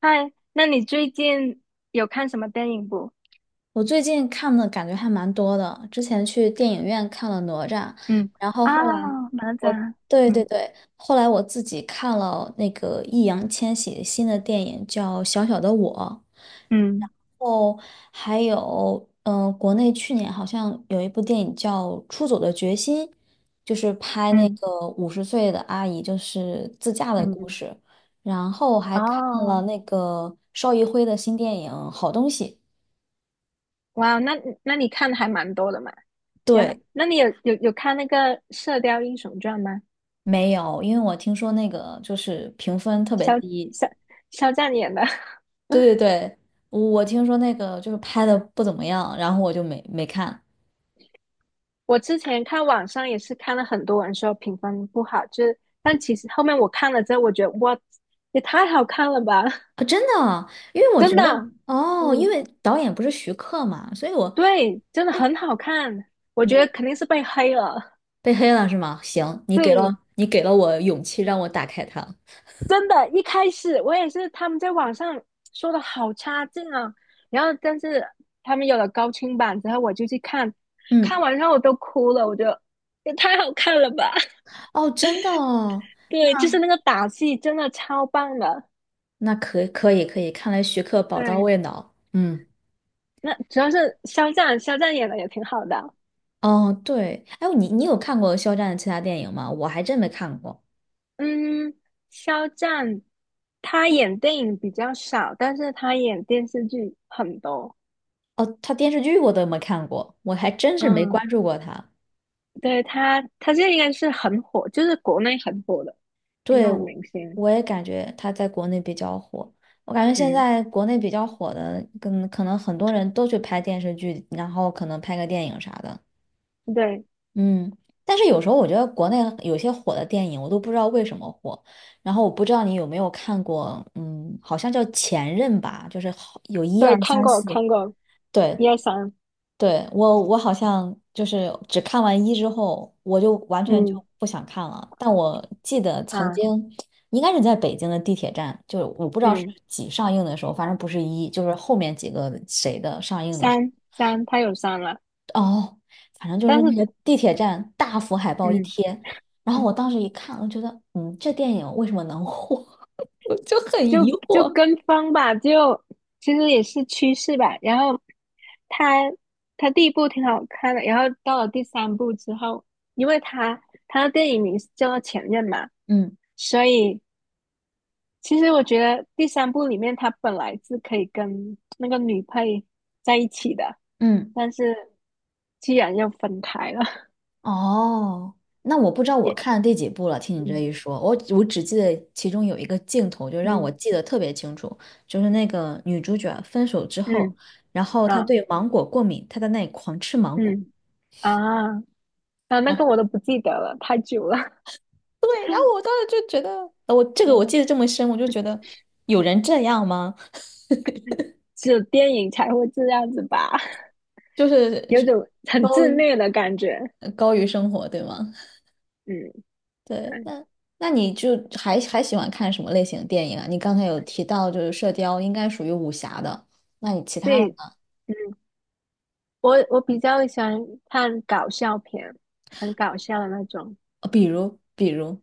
嗨，那你最近有看什么电影不？我最近看的感觉还蛮多的，之前去电影院看了《哪吒》，嗯，然后啊，后来，哪吒，对对嗯对，后来我自己看了那个易烊千玺新的电影叫《小小的我》。嗯哦，还有，国内去年好像有一部电影叫《出走的决心》，就是拍那嗯个五十岁的阿姨就是自驾的故嗯，事，然后还看了哦，那个邵艺辉的新电影《好东西》。哇，那你看的还蛮多的嘛。然后，对，那你有看那个《射雕英雄传》吗？没有，因为我听说那个就是评分特别肖低。肖肖战演的。对对对，我听说那个就是拍的不怎么样，然后我就没看。我之前看网上也是看了很多人说评分不好，就是但其实后面我看了之后，我觉得哇，也太好看了吧，啊，真的啊，因为 我觉真的得啊，哦，因嗯。为导演不是徐克嘛，所以我对，真的很被好看，我觉得肯定是被黑了。被黑了是吗？行，你给对，了你给了我勇气，让我打开它。真的，一开始我也是他们在网上说的好差劲啊，然后但是他们有了高清版之后，我就去看，嗯，看完之后我都哭了，我觉得也太好看了吧！哦，真的哦，对，就是那个打戏真的超棒的。那可以可以可以，看来徐克宝刀对，未老。嗯，那主要是肖战，肖战演的也挺好的。哦，对，哎，你有看过肖战的其他电影吗？我还真没看过。嗯，肖战他演电影比较少，但是他演电视剧很多。哦，他电视剧我都没看过，我还真是没嗯。关注过他。对他现在应该是很火，就是国内很火的那对，种我明星。我也感觉他在国内比较火。我感觉现嗯，在国内比较火的，跟可能很多人都去拍电视剧，然后可能拍个电影啥的。对嗯，但是有时候我觉得国内有些火的电影，我都不知道为什么火。然后我不知道你有没有看过，嗯，好像叫《前任》吧，就是好有一对，二看三过四。看过，对，一二三，对，我好像就是只看完一之后，我就完全就嗯不想看了。但我记得曾啊经应该是在北京的地铁站，就是我不知道是嗯，几上映的时候，反正不是一，就是后面几个谁的上映的时三三，他有三了，候哦，反正就但是那是个地铁站大幅海报一嗯贴，然后我嗯，当时一看，我觉得，嗯，这电影为什么能火？我就很就疑就惑。跟风吧，就其实也是趋势吧。然后他他第一部挺好看的，然后到了第三部之后，因为他的电影名是叫做《前任》嘛，嗯所以其实我觉得第三部里面他本来是可以跟那个女配在一起的，嗯。但是既然要分开了，哦，那我不知道我也看了第几部了。听你这嗯一说，我只记得其中有一个镜头，就让嗯我记得特别清楚，就是那个女主角分手之后，嗯然后她啊对芒果过敏，她在那里狂吃芒果。嗯啊啊，那然后个我都不记得了，太久了。对，然后我当时就觉得，我这 个我嗯，记得这么深，我就觉得有人这样吗？只有电影才会这样子吧，就是 有种很高自于虐的感觉。高于生活，对吗？嗯，对，对那那你就还喜欢看什么类型的电影啊？你刚才有提到就是《射雕》应该属于武侠的，那你其他的对，呢？嗯，我比较喜欢看搞笑片，很搞笑的那种。呃，比如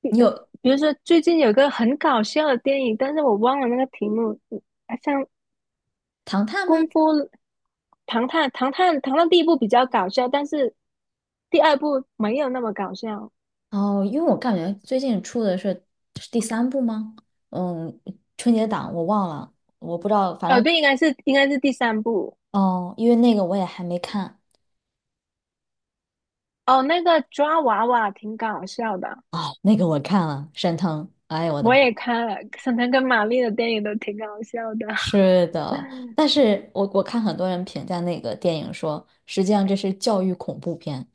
比你有比如说最近有个很搞笑的电影，但是我忘了那个题目，像《唐探》吗？《功夫》《唐探》第一部比较搞笑，但是第二部没有那么搞笑。哦，因为我感觉最近出的是是第三部吗？嗯，春节档我忘了，我不知道，反正对，应该是第三部。哦，因为那个我也还没看哦，那个抓娃娃挺搞笑的，啊，那个我看了，沈腾，哎呦我的我妈！也看了，沈腾跟马丽的电影都挺搞笑的。是的，但是我我看很多人评价那个电影说，实际上这是教育恐怖片。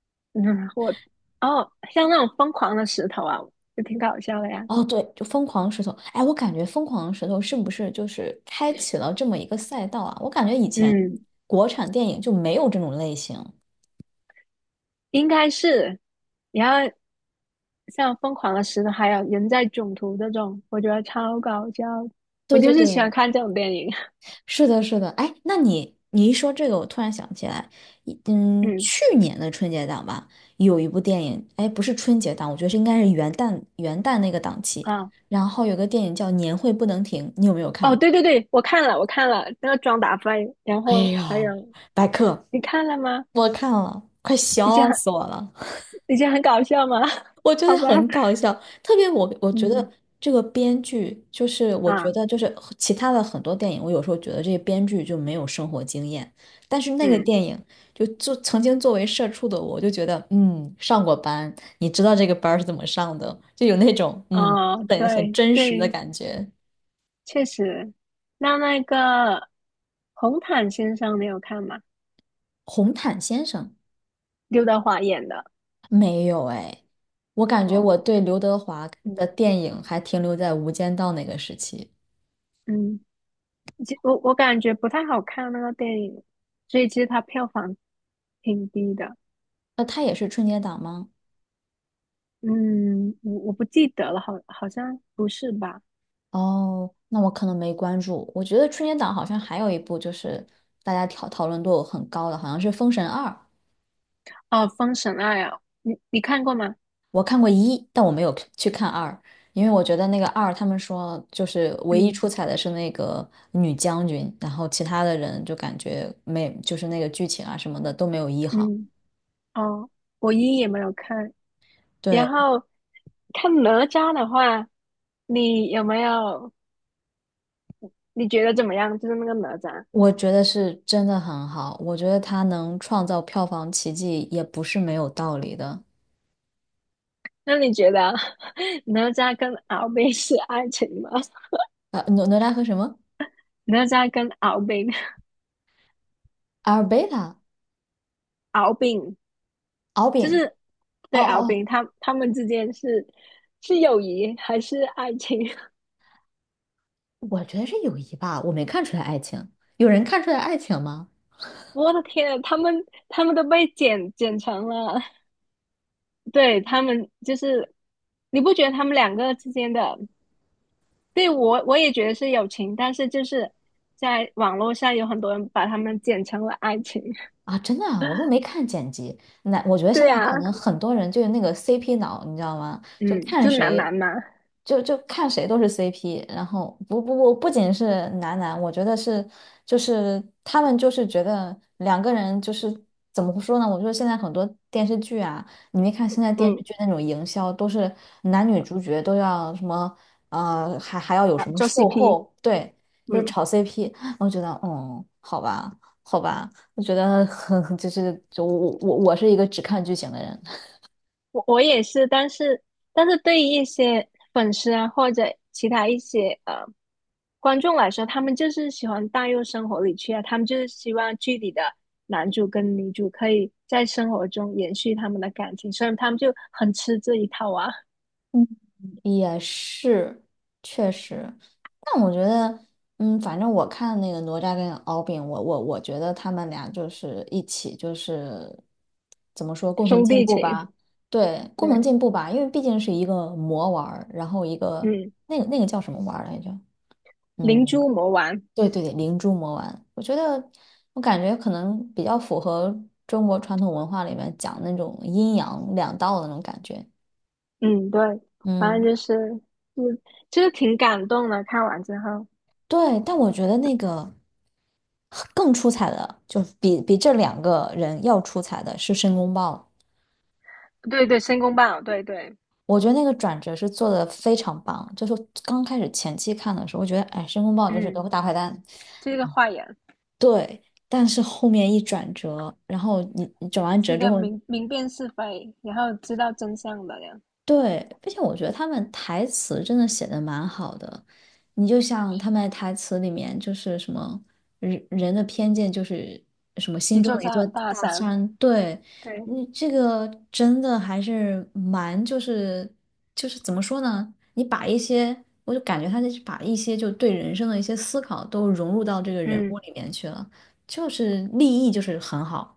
嗯，我哦，像那种疯狂的石头啊，就挺搞笑的呀。哦，对，就疯狂石头。哎，我感觉疯狂石头是不是就是开启了这么一个赛道啊？我感觉以前嗯，国产电影就没有这种类型。应该是。然后像《疯狂的石头》还有《人在囧途》这种，我觉得超搞笑。我对对就是喜欢对，看这种电影。是的，是的。哎，那你你一说这个，我突然想起来，嗯去年的春节档吧，有一部电影，哎，不是春节档，我觉得是应该是元旦那个档期。啊，然后有个电影叫《年会不能停》，你有没有看哦，过？对对对，我看了，我看了那个《装打飞》，然哎后呦，还有白客，你看了吗？我看了，快以前笑很死我了。以前很搞笑吗？我 觉得好吧，很搞笑，特别我觉得嗯这个编剧就是，我觉啊得就是和其他的很多电影，我有时候觉得这些编剧就没有生活经验，但是那个嗯电影就曾经作为社畜的我，就觉得嗯，上过班，你知道这个班儿是怎么上的，就有那种嗯哦，很对真实的对，感觉。确实。那个红毯先生，你有看吗？红毯先生刘德华演的。没有哎，我感觉哦，我对刘德华的嗯电影还停留在《无间道》那个时期，嗯。我感觉不太好看那个电影，所以其实它票房挺低的。那他也是春节档吗？嗯，我不记得了，好像不是吧？哦，那我可能没关注。我觉得春节档好像还有一部，就是大家讨论度很高的，好像是《封神二》。哦，《封神二》啊，你看过吗？我看过一，但我没有去看二，因为我觉得那个二，他们说就是唯一嗯出彩的是那个女将军，然后其他的人就感觉没，就是那个剧情啊什么的都没有一好。嗯，哦，我一也没有看。然对，后看哪吒的话，你有没有？你觉得怎么样？就是那个哪吒，我觉得是真的很好，我觉得他能创造票房奇迹也不是没有道理的。那你觉得 哪吒跟敖丙是爱情吗？呃，哪吒和什么？哪吒跟敖丙，阿尔贝塔、敖丙。敖就丙。是哦对敖哦哦丙他们之间是友谊还是爱情？我觉得是友谊吧，我没看出来爱情。有人看出来爱情吗？我的天啊，他们都被剪成了，对他们就是你不觉得他们两个之间的？对我也觉得是友情，但是就是在网络上有很多人把他们剪成了爱情。啊，真的啊，我都没看剪辑。那我觉得 现对在啊，可能很多人就是那个 CP 脑，你知道吗？就嗯，看就男谁，男嘛，就看谁都是 CP。然后不，不仅是男男，我觉得是就是他们就是觉得两个人就是怎么说呢？我觉得现在很多电视剧啊，你没看现在电视嗯剧那种营销都是男女主角都要什么呃，还要有啊，什么做 售 CP,后，对，就是嗯。炒 CP。我觉得，嗯，好吧，好吧。我觉得很 就是就我是一个只看剧情的人，我也是，但是对于一些粉丝啊或者其他一些观众来说，他们就是喜欢带入生活里去啊，他们就是希望剧里的男主跟女主可以在生活中延续他们的感情，所以他们就很吃这一套啊，嗯，也是确实，但我觉得嗯，反正我看那个哪吒跟敖丙，我觉得他们俩就是一起就是怎么说 共同兄进弟步情，吧，对，共同对，进步吧，因为毕竟是一个魔丸儿，然后一个嗯，那个叫什么丸儿来着？嗯。灵珠魔丸，对对对，灵珠魔丸，我觉得我感觉可能比较符合中国传统文化里面讲那种阴阳两道的那种感觉。嗯，对，反正嗯，就是，嗯，就是挺感动的，看完之后，对，但我觉得那个更出彩的，就比这两个人要出彩的是申公豹。对对，申公豹，对对，我觉得那个转折是做的非常棒，就是刚开始前期看的时候，我觉得哎，申公豹就是个嗯，大坏蛋，这个坏人。对，但是后面一转折，然后你你转完是折一之个后。明辨是非，然后知道真相的人，对，并且我觉得他们台词真的写的蛮好的。你就像他们台词里面就是什么人人的偏见就是什么心一中座的一大座大大山。山，对，对，你这个真的还是蛮就是就是怎么说呢？你把一些我就感觉他就是把一些就对人生的一些思考都融入到这个人嗯，物里面去了，就是立意就是很好。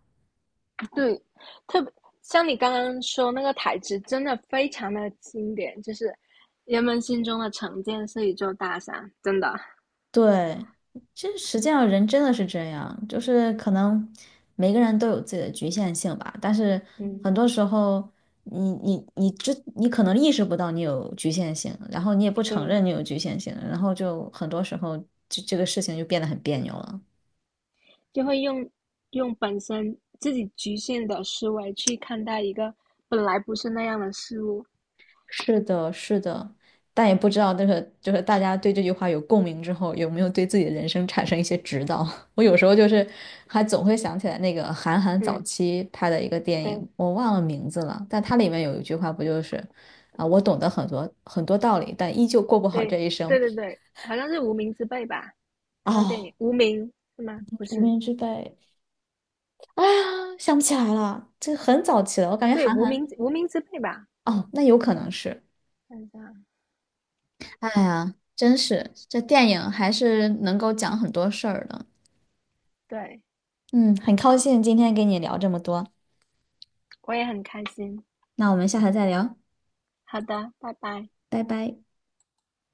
对，特别像你刚刚说那个台词，真的非常的经典，就是人们心中的成见是一座大山，真的，对，其实实际上人真的是这样，就是可能每个人都有自己的局限性吧，但是嗯，很多时候你可能意识不到你有局限性，然后你也不承对，认你有局限性，然后就很多时候这个事情就变得很别扭了。就会用本身自己局限的思维去看待一个本来不是那样的事物。是的，是的，但也不知道这个就是大家对这句话有共鸣之后，有没有对自己的人生产生一些指导？我有时候就是还总会想起来那个韩寒早嗯，期拍的一个电影，对，我忘了名字了，但它里面有一句话不就是啊，我懂得很多很多道理，但依旧过不好对，这一生。对对对，好像是《无名之辈》吧？他的电影哦，《无名》是吗？不无是，名之辈，啊想不起来了，这很早期了，我感觉对，韩无寒名无名之辈吧，哦，那有可能是。看一下，哎呀，真是这电影还是能够讲很多事儿的。对，嗯，很高超，兴今天跟你聊这么多，我也很开心。那我们下次再聊，好的，拜拜。拜拜。